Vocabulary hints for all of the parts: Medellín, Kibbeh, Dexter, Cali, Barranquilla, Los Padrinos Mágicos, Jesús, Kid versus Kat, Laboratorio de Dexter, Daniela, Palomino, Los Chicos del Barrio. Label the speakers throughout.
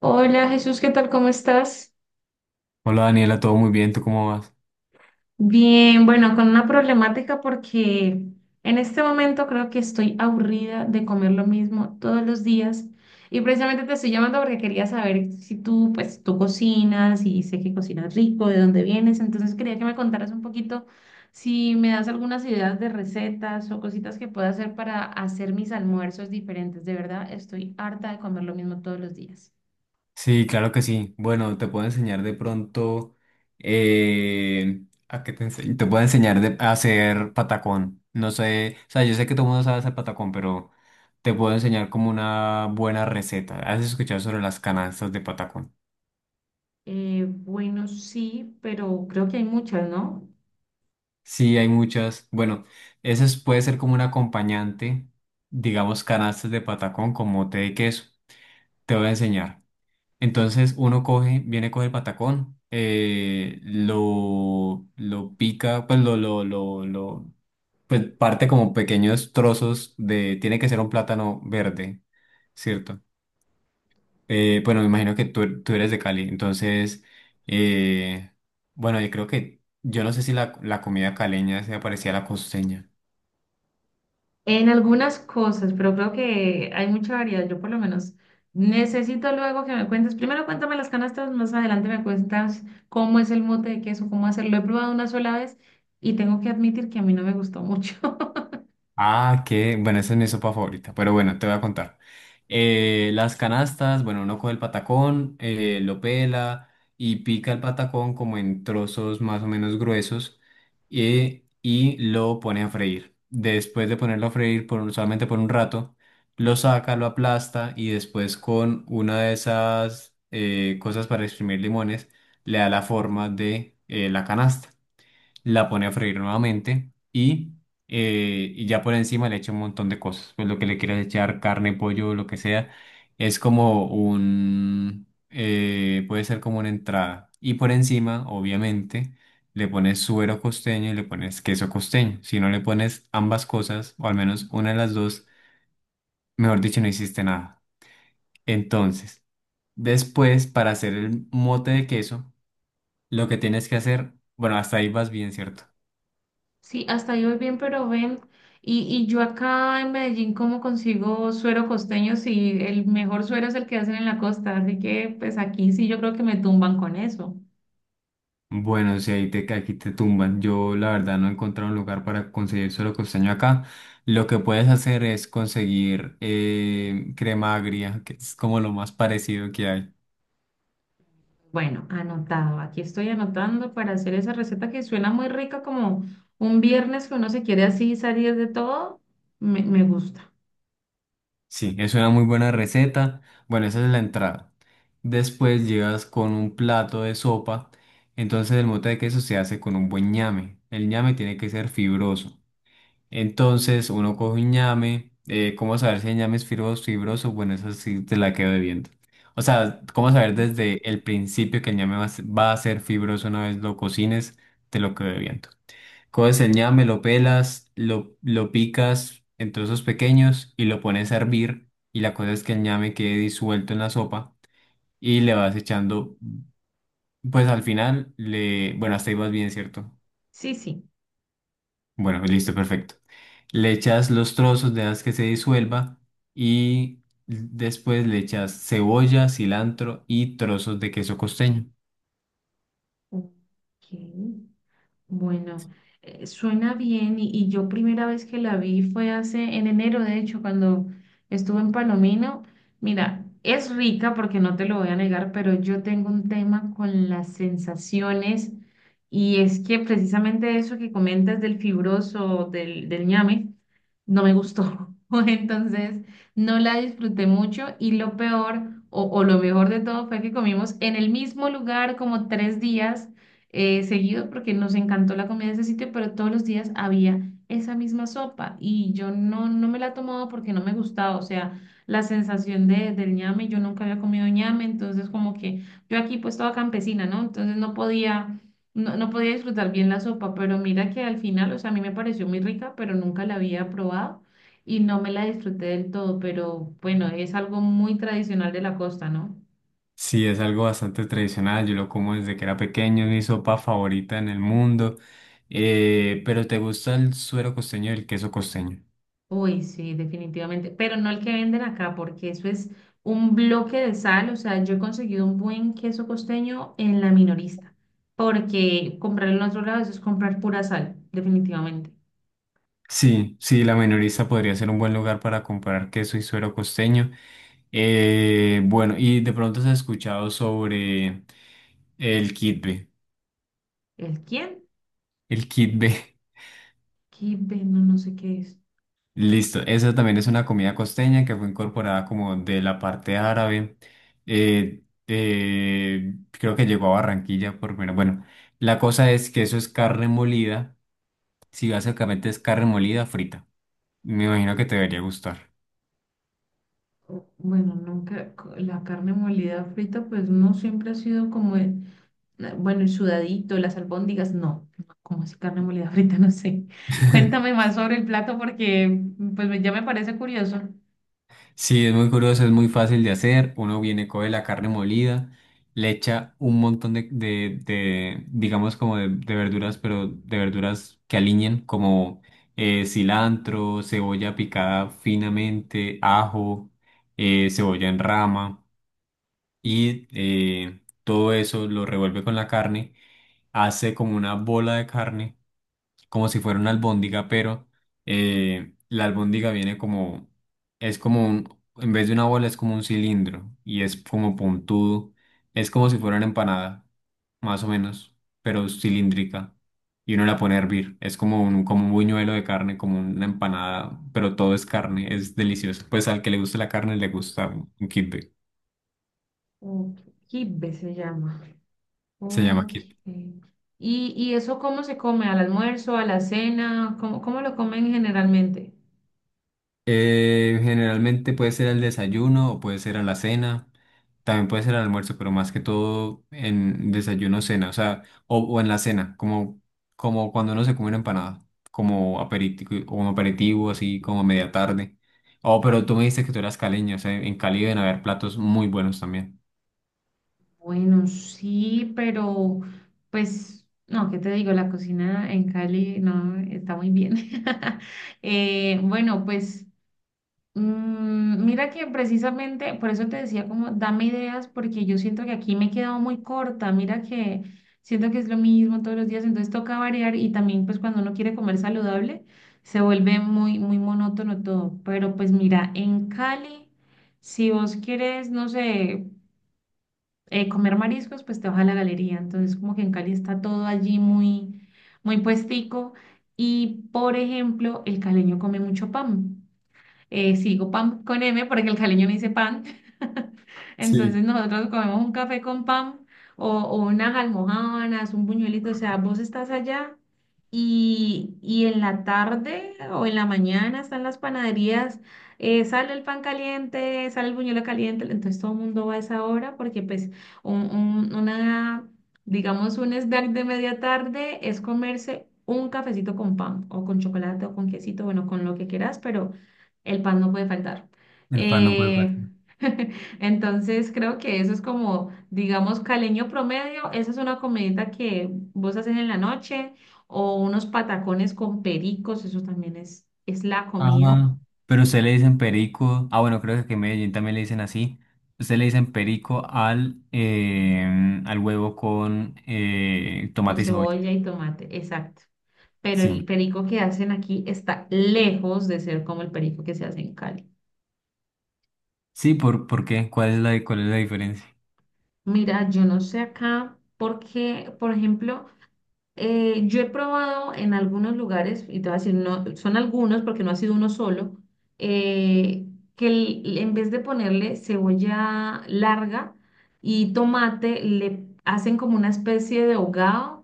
Speaker 1: Hola Jesús, ¿qué tal? ¿Cómo estás?
Speaker 2: Hola Daniela, todo muy bien, ¿tú cómo vas?
Speaker 1: Bien, bueno, con una problemática porque en este momento creo que estoy aburrida de comer lo mismo todos los días y precisamente te estoy llamando porque quería saber si tú, pues, tú cocinas y sé que cocinas rico, de dónde vienes, entonces quería que me contaras un poquito si me das algunas ideas de recetas o cositas que pueda hacer para hacer mis almuerzos diferentes. De verdad, estoy harta de comer lo mismo todos los días.
Speaker 2: Sí, claro que sí. Bueno, te puedo enseñar de pronto eh, a qué te enseño. Te puedo enseñar a hacer patacón. No sé, o sea, yo sé que todo el mundo sabe hacer patacón, pero te puedo enseñar como una buena receta. ¿Has escuchado sobre las canastas de patacón?
Speaker 1: Bueno, sí, pero creo que hay muchas, ¿no?
Speaker 2: Sí, hay muchas. Bueno, eso puede ser como un acompañante, digamos, canastas de patacón con mote de queso. Te voy a enseñar. Entonces uno coge, viene, coge el patacón, lo pica, pues pues parte como pequeños trozos de, tiene que ser un plátano verde, ¿cierto? Bueno, me imagino que tú eres de Cali, entonces, eh, bueno, yo creo que, yo no sé si la comida caleña se parecía a la costeña.
Speaker 1: En algunas cosas, pero creo que hay mucha variedad. Yo por lo menos necesito luego que me cuentes. Primero cuéntame las canastas, más adelante me cuentas cómo es el mote de queso, cómo hacerlo. He probado una sola vez y tengo que admitir que a mí no me gustó mucho.
Speaker 2: Ah, qué, bueno, esa es mi sopa favorita, pero bueno, te voy a contar. Las canastas, bueno, uno coge el patacón, lo pela y pica el patacón como en trozos más o menos gruesos y lo pone a freír. Después de ponerlo a freír por, solamente por un rato, lo saca, lo aplasta y después con una de esas cosas para exprimir limones le da la forma de la canasta, la pone a freír nuevamente y ya por encima le echa un montón de cosas. Pues lo que le quieras echar, carne, pollo, lo que sea, es como un, puede ser como una entrada. Y por encima, obviamente, le pones suero costeño y le pones queso costeño. Si no le pones ambas cosas, o al menos una de las dos, mejor dicho, no hiciste nada. Entonces, después, para hacer el mote de queso, lo que tienes que hacer, bueno, hasta ahí vas bien, ¿cierto?
Speaker 1: Sí, hasta ahí voy bien, pero ven. Y yo acá en Medellín, ¿cómo consigo suero costeño si el mejor suero es el que hacen en la costa? Así que pues aquí sí yo creo que me tumban con eso.
Speaker 2: Bueno, si ahí aquí te tumban, yo la verdad no he encontrado un lugar para conseguir suero costeño acá. Lo que puedes hacer es conseguir crema agria, que es como lo más parecido que hay.
Speaker 1: Bueno, anotado. Aquí estoy anotando para hacer esa receta que suena muy rica, como un viernes que uno se quiere así salir de todo. Me gusta.
Speaker 2: Sí, es una muy buena receta. Bueno, esa es la entrada. Después llegas con un plato de sopa. Entonces el mote de queso se hace con un buen ñame. El ñame tiene que ser fibroso. Entonces uno coge un ñame. ¿Cómo saber si el ñame es fibroso fibroso? Bueno, eso sí te la quedo debiendo. O sea, ¿cómo saber desde el principio que el ñame va a ser fibroso una vez lo cocines? Te lo quedo debiendo. Coges el ñame, lo pelas, lo picas en trozos pequeños y lo pones a hervir. Y la cosa es que el ñame quede disuelto en la sopa y le vas echando, pues al final, le, bueno, hasta ahí vas bien, ¿cierto?
Speaker 1: Sí, sí.
Speaker 2: Bueno, listo, perfecto. Le echas los trozos, dejas que se disuelva y después le echas cebolla, cilantro y trozos de queso costeño.
Speaker 1: Ok. Bueno, suena bien y yo primera vez que la vi fue hace en enero, de hecho, cuando estuve en Palomino. Mira, es rica porque no te lo voy a negar, pero yo tengo un tema con las sensaciones y es que precisamente eso que comentas del fibroso, del ñame, no me gustó. Entonces, no la disfruté mucho y lo peor o lo mejor de todo fue que comimos en el mismo lugar como tres días seguido porque nos encantó la comida de ese sitio, pero todos los días había esa misma sopa y yo no, no me la tomaba porque no me gustaba, o sea, la sensación de, del ñame, yo nunca había comido ñame, entonces como que yo aquí pues toda campesina, ¿no? Entonces no podía, no, no podía disfrutar bien la sopa, pero mira que al final, o sea, a mí me pareció muy rica, pero nunca la había probado. Y no me la disfruté del todo, pero bueno, es algo muy tradicional de la costa, ¿no?
Speaker 2: Sí, es algo bastante tradicional, yo lo como desde que era pequeño, es mi sopa favorita en el mundo. Pero ¿te gusta el suero costeño y el queso costeño?
Speaker 1: Uy, sí, definitivamente, pero no el que venden acá, porque eso es un bloque de sal, o sea, yo he conseguido un buen queso costeño en la minorista, porque comprar en otro lado eso es comprar pura sal, definitivamente.
Speaker 2: Sí, sí, la minorista podría ser un buen lugar para comprar queso y suero costeño. Bueno, y de pronto has escuchado sobre el kitbe.
Speaker 1: ¿El quién?
Speaker 2: El kitbe.
Speaker 1: Kibe, no, no sé qué es.
Speaker 2: Listo, esa también es una comida costeña que fue incorporada como de la parte árabe. Creo que llegó a Barranquilla por primera. Bueno, la cosa es que eso es carne molida. Sí, básicamente es carne molida frita. Me imagino que te debería gustar.
Speaker 1: Bueno, nunca, co- la carne molida frita, pues no siempre ha sido como el, bueno, el sudadito, las albóndigas, no, no, como así carne molida frita, no sé. Cuéntame más sobre el plato porque ya me parece curioso.
Speaker 2: Sí, es muy curioso, es muy fácil de hacer. Uno viene, coge la carne molida, le echa un montón de digamos, como de verduras, pero de verduras que aliñen, como cilantro, cebolla picada finamente, ajo, cebolla en rama, y todo eso lo revuelve con la carne, hace como una bola de carne como si fuera una albóndiga, pero la albóndiga viene como, es como un, en vez de una bola es como un cilindro y es como puntudo, es como si fuera una empanada, más o menos, pero cilíndrica. Y uno la pone a hervir, es como un buñuelo de carne, como una empanada, pero todo es carne, es delicioso. Pues al que le guste la carne le gusta un kibbeh,
Speaker 1: Ok, Kibbeh se llama.
Speaker 2: se llama
Speaker 1: Ok.
Speaker 2: kibbeh.
Speaker 1: Y eso cómo se come? ¿Al almuerzo, a la cena? ¿Cómo, cómo lo comen generalmente?
Speaker 2: Generalmente puede ser al desayuno o puede ser a la cena, también puede ser al almuerzo, pero más que todo en desayuno, cena, o sea, o en la cena, como, como cuando uno se come una empanada, como aperitivo, un aperitivo, así como a media tarde. Oh, pero tú me dijiste que tú eras caleño, o sea, en Cali deben haber platos muy buenos también.
Speaker 1: Bueno, sí, pero pues, no, ¿qué te digo? La cocina en Cali no está muy bien. Bueno, pues mm, mira que precisamente, por eso te decía como, dame ideas, porque yo siento que aquí me he quedado muy corta, mira que siento que es lo mismo todos los días, entonces toca variar y también pues cuando uno quiere comer saludable se vuelve muy, muy monótono todo, pero pues mira, en Cali, si vos quieres, no sé, comer mariscos, pues te vas a la galería, entonces como que en Cali está todo allí muy, muy puestico y por ejemplo, el caleño come mucho pan. Eh, sigo pan con M porque el caleño me dice pan.
Speaker 2: Sí.
Speaker 1: Entonces nosotros comemos un café con pan o unas almojábanas, un buñuelito, o sea, vos estás allá y en la tarde o en la mañana están las panaderías, sale el pan caliente, sale el buñuelo caliente, entonces todo el mundo va a esa hora porque pues un- un- una, digamos, un snack de media tarde es comerse un cafecito con pan o con chocolate o con quesito, bueno, con lo que quieras, pero el pan no puede faltar.
Speaker 2: El pan no puede faltar.
Speaker 1: Eh, entonces creo que eso es como, digamos, caleño promedio. Esa es una comidita que vos haces en la noche o unos patacones con pericos. Eso también es la comida
Speaker 2: Ah, pero usted le dicen perico. Ah, bueno, creo que en Medellín también le dicen así. Usted le dicen perico al, al huevo con
Speaker 1: con
Speaker 2: tomate y cebolla.
Speaker 1: cebolla y tomate. Exacto. Pero
Speaker 2: Sí.
Speaker 1: el perico que hacen aquí está lejos de ser como el perico que se hace en Cali.
Speaker 2: Sí, por qué? ¿Cuál es cuál es la diferencia?
Speaker 1: Mira, yo no sé acá porque, por ejemplo, yo he probado en algunos lugares, y te voy a decir, no, son algunos porque no ha sido uno solo, eh, que en vez de ponerle cebolla larga y tomate, le hacen como una especie de hogado,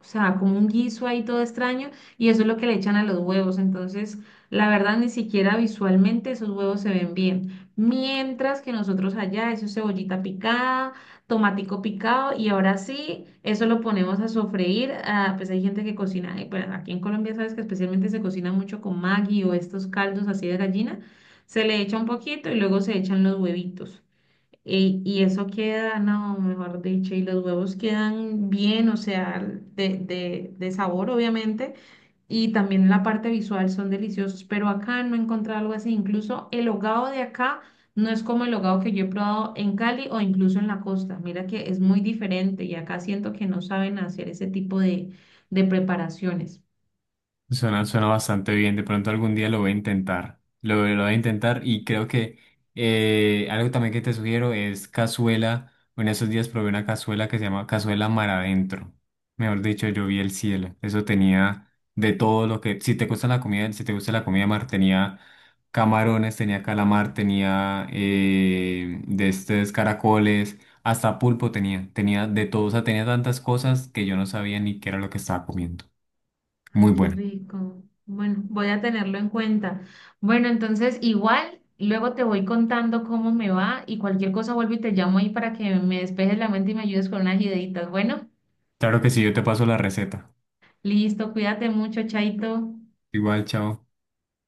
Speaker 1: o sea, como un guiso ahí todo extraño, y eso es lo que le echan a los huevos. Entonces, la verdad, ni siquiera visualmente esos huevos se ven bien. Mientras que nosotros allá, eso es cebollita picada, tomatico picado, y ahora sí, eso lo ponemos a sofreír. Ah, pues hay gente que cocina, bueno, aquí en Colombia sabes que especialmente se cocina mucho con Maggi o estos caldos así de gallina. Se le echa un poquito y luego se echan los huevitos. Y eso queda, no, mejor dicho, y los huevos quedan bien, o sea, de sabor, obviamente, y también la parte visual son deliciosos, pero acá no he encontrado algo así. Incluso el hogao de acá no es como el hogao que yo he probado en Cali o incluso en la costa. Mira que es muy diferente y acá siento que no saben hacer ese tipo de preparaciones.
Speaker 2: Suena, suena bastante bien. De pronto algún día lo voy a intentar. Lo voy a intentar y creo que algo también que te sugiero es cazuela. En esos días probé una cazuela que se llama cazuela mar adentro. Mejor dicho, yo vi el cielo. Eso tenía de todo lo que... Si te gusta la comida, si te gusta la comida mar, tenía camarones, tenía calamar, tenía de estos caracoles, hasta pulpo tenía. Tenía de todo. O sea, tenía tantas cosas que yo no sabía ni qué era lo que estaba comiendo.
Speaker 1: Ay,
Speaker 2: Muy
Speaker 1: qué
Speaker 2: bueno.
Speaker 1: rico. Bueno, voy a tenerlo en cuenta. Bueno, entonces igual luego te voy contando cómo me va y cualquier cosa vuelvo y te llamo ahí para que me despejes la mente y me ayudes con unas ideitas. Bueno,
Speaker 2: Claro que sí, yo te paso la receta.
Speaker 1: listo, cuídate mucho, Chaito.
Speaker 2: Igual, chao.